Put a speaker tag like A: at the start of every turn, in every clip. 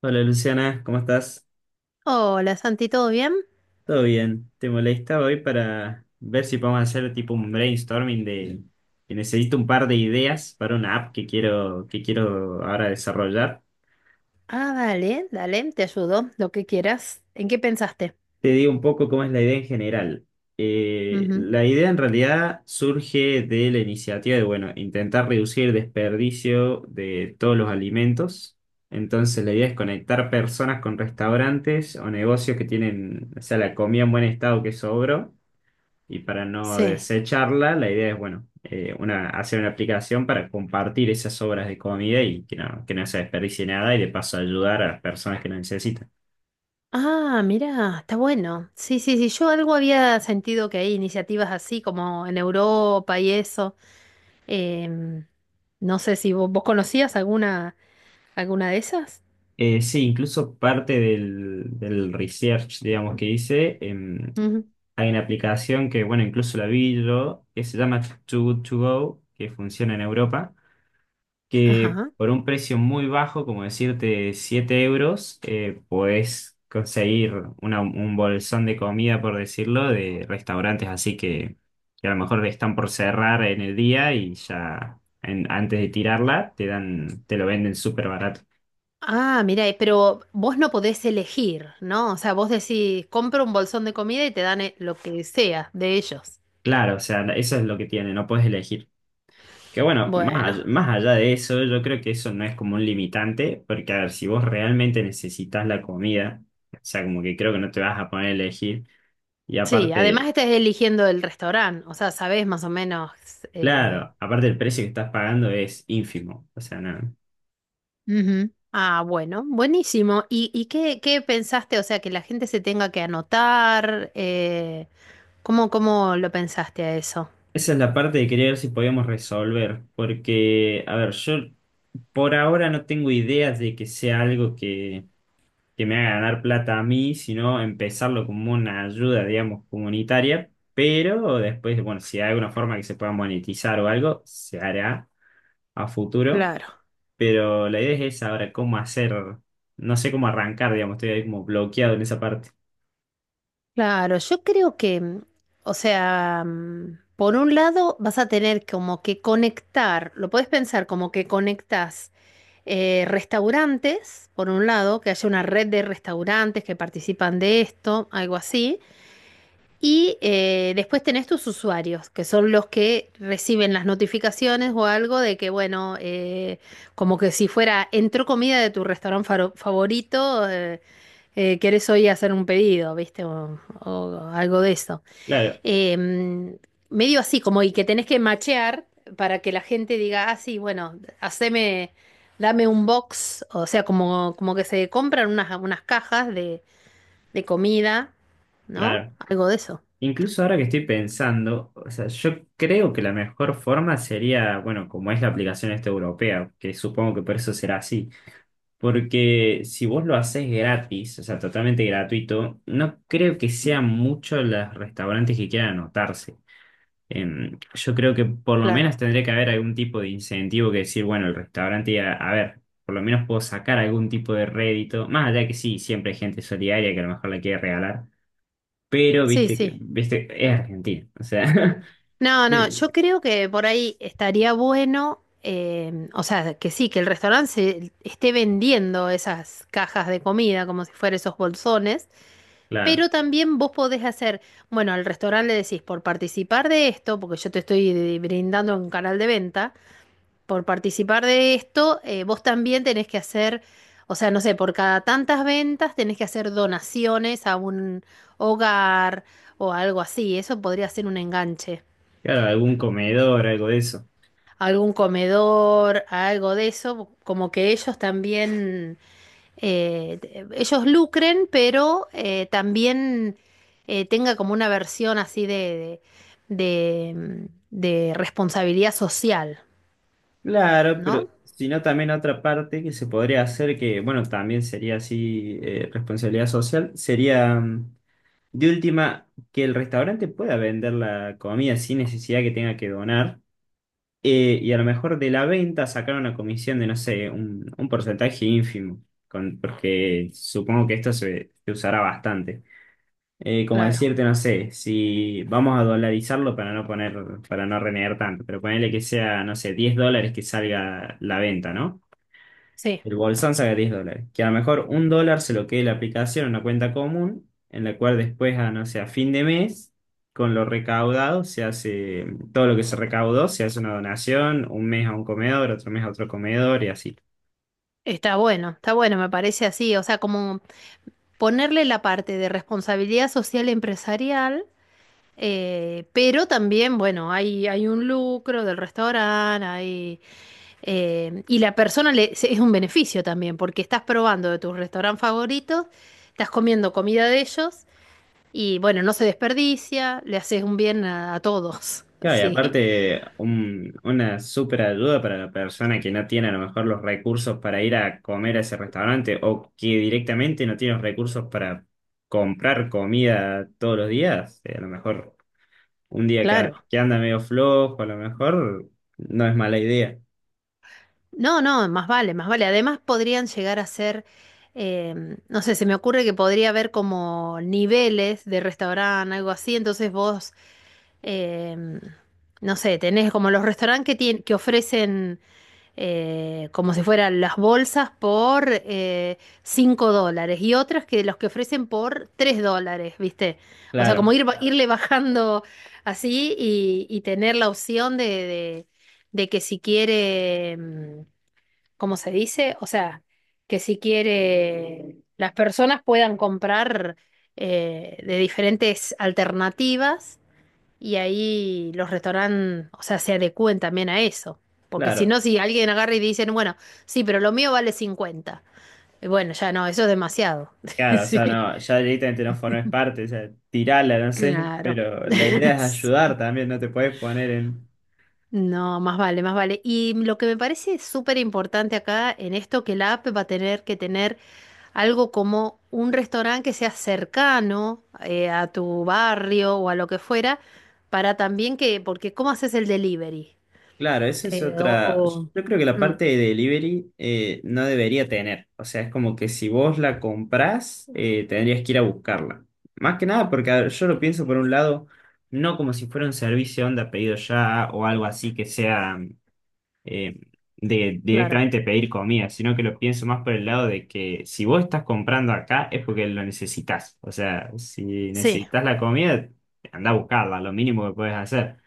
A: Hola Luciana, ¿cómo estás?
B: Hola Santi, ¿todo bien?
A: Todo bien. Te molestaba hoy para ver si podemos hacer tipo un brainstorming de que necesito un par de ideas para una app que quiero, ahora desarrollar.
B: Ah, dale, dale, te ayudo, lo que quieras. ¿En qué pensaste?
A: Te digo un poco cómo es la idea en general.
B: Ujú.
A: La idea en realidad surge de la iniciativa de, bueno, intentar reducir el desperdicio de todos los alimentos. Entonces la idea es conectar personas con restaurantes o negocios que tienen, o sea, la comida en buen estado que sobró. Y para no
B: Sí.
A: desecharla, la idea es, bueno, hacer una aplicación para compartir esas obras de comida y que no se desperdicie nada y de paso ayudar a las personas que lo necesitan.
B: Ah, mira, está bueno. Sí, sí, sí, yo algo había sentido que hay iniciativas así como en Europa y eso. Em, no sé si vos conocías alguna, alguna de esas.
A: Sí, incluso parte del research, digamos, que hice,
B: Ujú.
A: hay una aplicación que, bueno, incluso la vi yo, que se llama Too Good To Go, que funciona en Europa, que
B: Ajá.
A: por un precio muy bajo, como decirte €7, podés conseguir un bolsón de comida, por decirlo, de restaurantes así que a lo mejor están por cerrar en el día y ya antes de tirarla te dan, te lo venden súper barato.
B: Ah, mira, pero vos no podés elegir, ¿no? O sea, vos decís, compro un bolsón de comida y te dan lo que sea de ellos.
A: Claro, o sea, eso es lo que tiene, no puedes elegir. Que bueno,
B: Bueno.
A: más allá de eso, yo creo que eso no es como un limitante, porque a ver, si vos realmente necesitas la comida, o sea, como que creo que no te vas a poner a elegir. Y
B: Sí, además
A: aparte.
B: estás eligiendo el restaurante, o sea, sabes más o menos. eh,
A: Claro, aparte el precio que estás pagando es ínfimo, o sea, nada.
B: Ujú. Ah, bueno, buenísimo. ¿Y, qué pensaste? O sea, que la gente se tenga que anotar. ¿Cómo, cómo lo pensaste a eso?
A: Esa es la parte de querer ver si podíamos resolver, porque, a ver, yo por ahora no tengo ideas de que sea algo que me haga ganar plata a mí, sino empezarlo como una ayuda, digamos, comunitaria, pero después, bueno, si hay alguna forma que se pueda monetizar o algo, se hará a futuro,
B: Claro.
A: pero la idea es esa, ahora cómo hacer, no sé cómo arrancar, digamos, estoy ahí como bloqueado en esa parte.
B: Claro, yo creo que, o sea, por un lado vas a tener como que conectar, lo puedes pensar como que conectas restaurantes, por un lado, que haya una red de restaurantes que participan de esto, algo así. Y después tenés tus usuarios, que son los que reciben las notificaciones o algo de que, bueno, como que si fuera, entró comida de tu favorito, querés hoy hacer un pedido, ¿viste? O algo de eso.
A: Claro,
B: Eh, Medio así, como y que tenés que machear para que la gente diga, ah, sí, bueno, haceme, dame un box, o sea, como, como que se compran unas, unas cajas de comida, ¿no?
A: claro.
B: Algo de eso,
A: Incluso ahora que estoy pensando, o sea, yo creo que la mejor forma sería, bueno, como es la aplicación esta europea, que supongo que por eso será así, porque si vos lo haces gratis, o sea, totalmente gratuito, no creo que sean muchos los restaurantes que quieran anotarse. Yo creo que por lo
B: claro.
A: menos tendría que haber algún tipo de incentivo que decir, bueno, el restaurante, a ver, por lo menos puedo sacar algún tipo de rédito, más allá que sí, siempre hay gente solidaria que a lo mejor la quiere regalar, pero
B: Sí,
A: viste que
B: sí.
A: viste, es Argentina, o sea,
B: No, no, yo
A: eh,
B: creo que por ahí estaría bueno, o sea, que sí, que el esté vendiendo esas cajas de comida como si fueran esos bolsones,
A: claro,
B: pero también vos podés hacer, bueno, al restaurante le decís, por participar de esto, porque yo te estoy brindando un canal de venta, por participar de esto, vos también tenés que hacer, o sea, no sé, por cada tantas ventas tenés que hacer donaciones a un hogar o algo así, eso podría ser un enganche.
A: claro, algún comedor, algo de eso.
B: Algún comedor, algo de eso, como que ellos también, ellos lucren, pero también tenga como una versión así de, de responsabilidad social,
A: Claro, pero
B: ¿no?
A: si no también otra parte que se podría hacer, que bueno, también sería así, responsabilidad social, sería de última que el restaurante pueda vender la comida sin necesidad que tenga que donar, y a lo mejor de la venta sacar una comisión de, no sé, un porcentaje ínfimo, porque supongo que esto se usará bastante. Como
B: Claro,
A: decirte, no sé, si vamos a dolarizarlo para no poner, para no renegar tanto, pero ponerle que sea, no sé, US$10 que salga la venta, ¿no?
B: sí,
A: El bolsón salga US$10. Que a lo mejor US$1 se lo quede la aplicación en una cuenta común, en la cual después, no sé, a fin de mes, con lo recaudado, se hace, todo lo que se recaudó, se hace una donación, un mes a un comedor, otro mes a otro comedor y así.
B: está bueno, me parece así, o sea, como ponerle la parte de responsabilidad social empresarial. Pero también, bueno, hay un lucro del restaurante, hay. Y la persona es un beneficio también, porque estás probando de tus restaurantes favoritos, estás comiendo comida de ellos y bueno, no se desperdicia, le haces un bien a todos,
A: Claro, y
B: ¿sí?
A: aparte, una súper ayuda para la persona que no tiene a lo mejor los recursos para ir a comer a ese restaurante o que directamente no tiene los recursos para comprar comida todos los días. A lo mejor un día que,
B: Claro.
A: que anda medio flojo, a lo mejor no es mala idea.
B: No, no, más vale, más vale. Además podrían llegar a ser, eh, no sé, se me ocurre que podría haber como niveles de restaurante, algo así, entonces vos, eh, no sé, tenés como los restaurantes que ofrecen como si fueran las bolsas por $5 y otras que los que ofrecen por $3, ¿viste? O sea, como
A: Claro,
B: irle bajando así y tener la opción de que si quiere, ¿cómo se dice? O sea, que si quiere las personas puedan comprar de diferentes alternativas y ahí los restaurantes, o sea, se adecúen también a eso. Porque si
A: claro,
B: no, si alguien agarra y dicen, bueno, sí, pero lo mío vale 50. Y bueno, ya no, eso es demasiado.
A: claro, o sea,
B: Sí,
A: no, ya directamente no formes parte, o sea, tirala, no sé,
B: claro.
A: pero la idea es ayudar también, no te puedes poner en...
B: No, más vale, más vale. Y lo que me parece súper importante acá en esto, que la app va a tener que tener algo como un restaurante que sea cercano a tu barrio o a lo que fuera, para también que, porque ¿cómo haces el delivery?
A: Claro, esa es
B: Eh, o,
A: otra.
B: o-
A: Yo creo que la
B: Mm.
A: parte de delivery no debería tener. O sea, es como que si vos la comprás, tendrías que ir a buscarla. Más que nada porque a ver, yo lo pienso por un lado, no como si fuera un servicio onda pedido ya o algo así que sea eh, de
B: Claro,
A: directamente pedir comida, sino que lo pienso más por el lado de que si vos estás comprando acá es porque lo necesitas. O sea, si
B: sí,
A: necesitas la comida, anda a buscarla, lo mínimo que puedes hacer.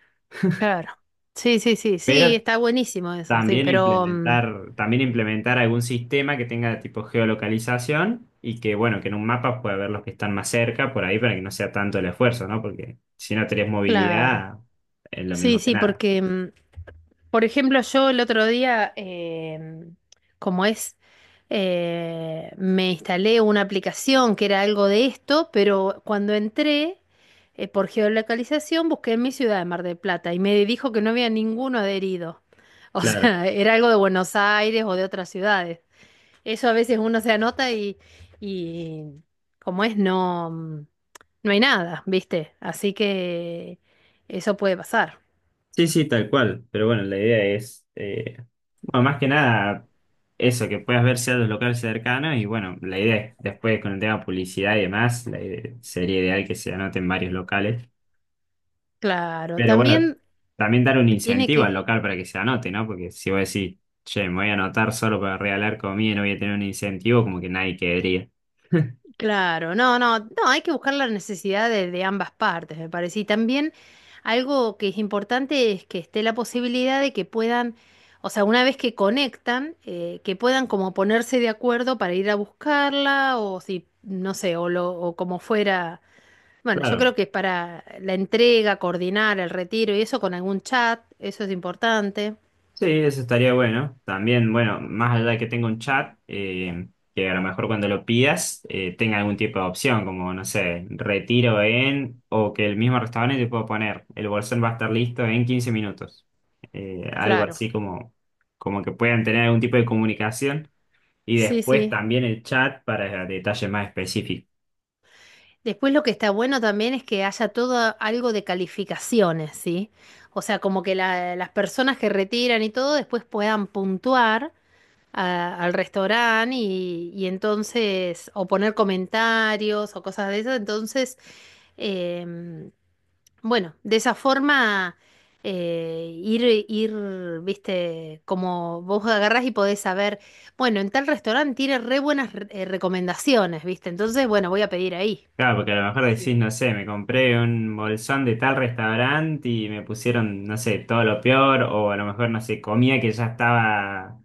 B: claro. Sí, sí, sí,
A: Pero
B: sí, está buenísimo eso, sí,
A: También
B: pero
A: implementar, también implementar algún sistema que tenga tipo geolocalización y que, bueno, que en un mapa pueda ver los que están más cerca por ahí para que no sea tanto el esfuerzo, ¿no? Porque si no tenés
B: claro.
A: movilidad, es lo
B: Sí,
A: mismo que
B: sí,
A: nada.
B: porque, por ejemplo, yo el otro día, como es, me instalé una aplicación que era algo de esto, pero cuando entré, por geolocalización, busqué en mi ciudad de Mar del Plata y me dijo que no había ninguno adherido. O
A: Claro.
B: sea, era algo de Buenos Aires o de otras ciudades. Eso a veces uno se anota y como es, no, no hay nada, ¿viste? Así que eso puede pasar.
A: Sí, sí, tal cual. Pero bueno, la idea es, bueno, más que nada, eso, que puedas ver los locales cercanos y bueno, la idea es, después con el tema publicidad y demás, la idea- sería ideal que se anoten varios locales.
B: Claro,
A: Pero bueno,
B: también
A: también dar un
B: tiene
A: incentivo al
B: que,
A: local para que se anote, ¿no? Porque si vos decís, che, me voy a anotar solo para regalar comida y no voy a tener un incentivo, como que nadie querría.
B: claro, no, no, no, hay que buscar la necesidad de ambas partes, me parece. Y también algo que es importante es que esté la posibilidad de que puedan, o sea, una vez que conectan, que puedan como ponerse de acuerdo para ir a buscarla o si, no sé, o, lo, o como fuera. Bueno, yo
A: Claro.
B: creo que para la entrega, coordinar el retiro y eso con algún chat, eso es importante.
A: Sí, eso estaría bueno. También, bueno, más allá de que tenga un chat, que a lo mejor cuando lo pidas tenga algún tipo de opción, como, no sé, retiro en, o que el mismo restaurante te pueda poner, el bolsón va a estar listo en 15 minutos. Algo
B: Claro,
A: así como, que puedan tener algún tipo de comunicación. Y
B: sí,
A: después
B: sí.
A: también el chat para detalles más específicos.
B: Después lo que está bueno también es que haya todo algo de calificaciones, ¿sí? O sea, como que las personas que retiran y todo después puedan puntuar al restaurante y entonces, o poner comentarios o cosas de esas, entonces... em, Bueno, de esa forma ir, ir, viste, como vos agarrás y podés saber, bueno, en tal restaurante tiene recomendaciones, viste, entonces, bueno, voy a pedir ahí.
A: Claro, porque a lo mejor decís,
B: Sí,
A: no sé, me compré un bolsón de tal restaurante y me pusieron, no sé, todo lo peor, o a lo mejor, no sé, comida que ya estaba,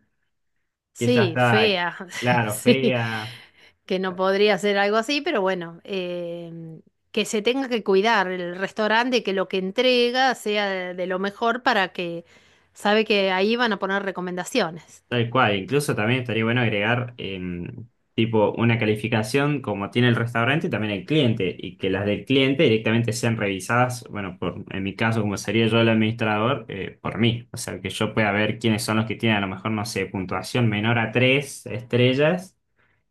A: que ya
B: sí,
A: estaba,
B: fea,
A: claro,
B: sí,
A: fea.
B: que no podría ser algo así, pero bueno, que se tenga que cuidar el restaurante, que lo que entrega sea de lo mejor, para que sabe que ahí van a poner recomendaciones.
A: Tal cual, incluso también estaría bueno agregar tipo una calificación como tiene el restaurante y también el cliente, y que las del cliente directamente sean revisadas, bueno, por, en mi caso, como sería yo el administrador, por mí. O sea, que yo pueda ver quiénes son los que tienen a lo mejor, no sé, puntuación menor a tres estrellas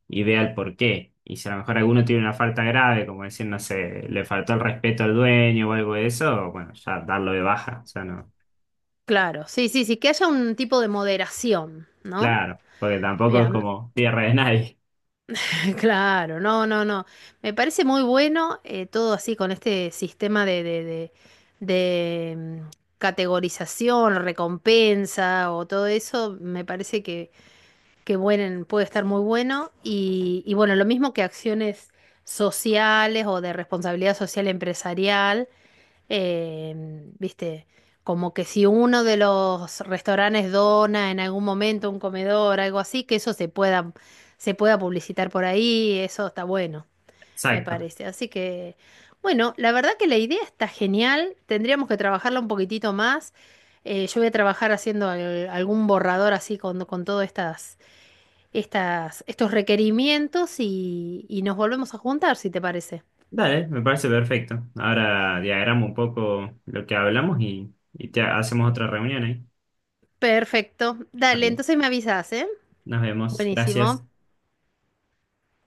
A: y vea el por qué. Y si a lo mejor alguno tiene una falta grave, como decir, no sé, le faltó el respeto al dueño o algo de eso, bueno, ya darlo de baja. O sea, no.
B: Claro, sí, sí, sí, que haya un tipo de moderación, ¿no?
A: Claro, porque tampoco
B: Mira,
A: es como tierra de nadie.
B: claro, no, no, no. Me parece muy bueno todo así con este sistema de, categorización, recompensa o todo eso. Me parece que, puede estar muy bueno. Y bueno, lo mismo que acciones sociales o de responsabilidad social empresarial. Viste, como que si uno de los restaurantes dona en algún momento un comedor, algo así, que eso se pueda publicitar por ahí, eso está bueno, me
A: Exacto.
B: parece. Así que, bueno, la verdad que la idea está genial, tendríamos que trabajarla un poquitito más. Yo voy a trabajar haciendo algún borrador así con todas estas, estas, estos requerimientos y nos volvemos a juntar, si te parece.
A: Dale, me parece perfecto. Ahora diagramo un poco lo que hablamos y te hacemos otra reunión ahí.
B: Perfecto. Dale,
A: Dale,
B: entonces me avisas, ¿eh?
A: nos vemos.
B: Buenísimo.
A: Gracias.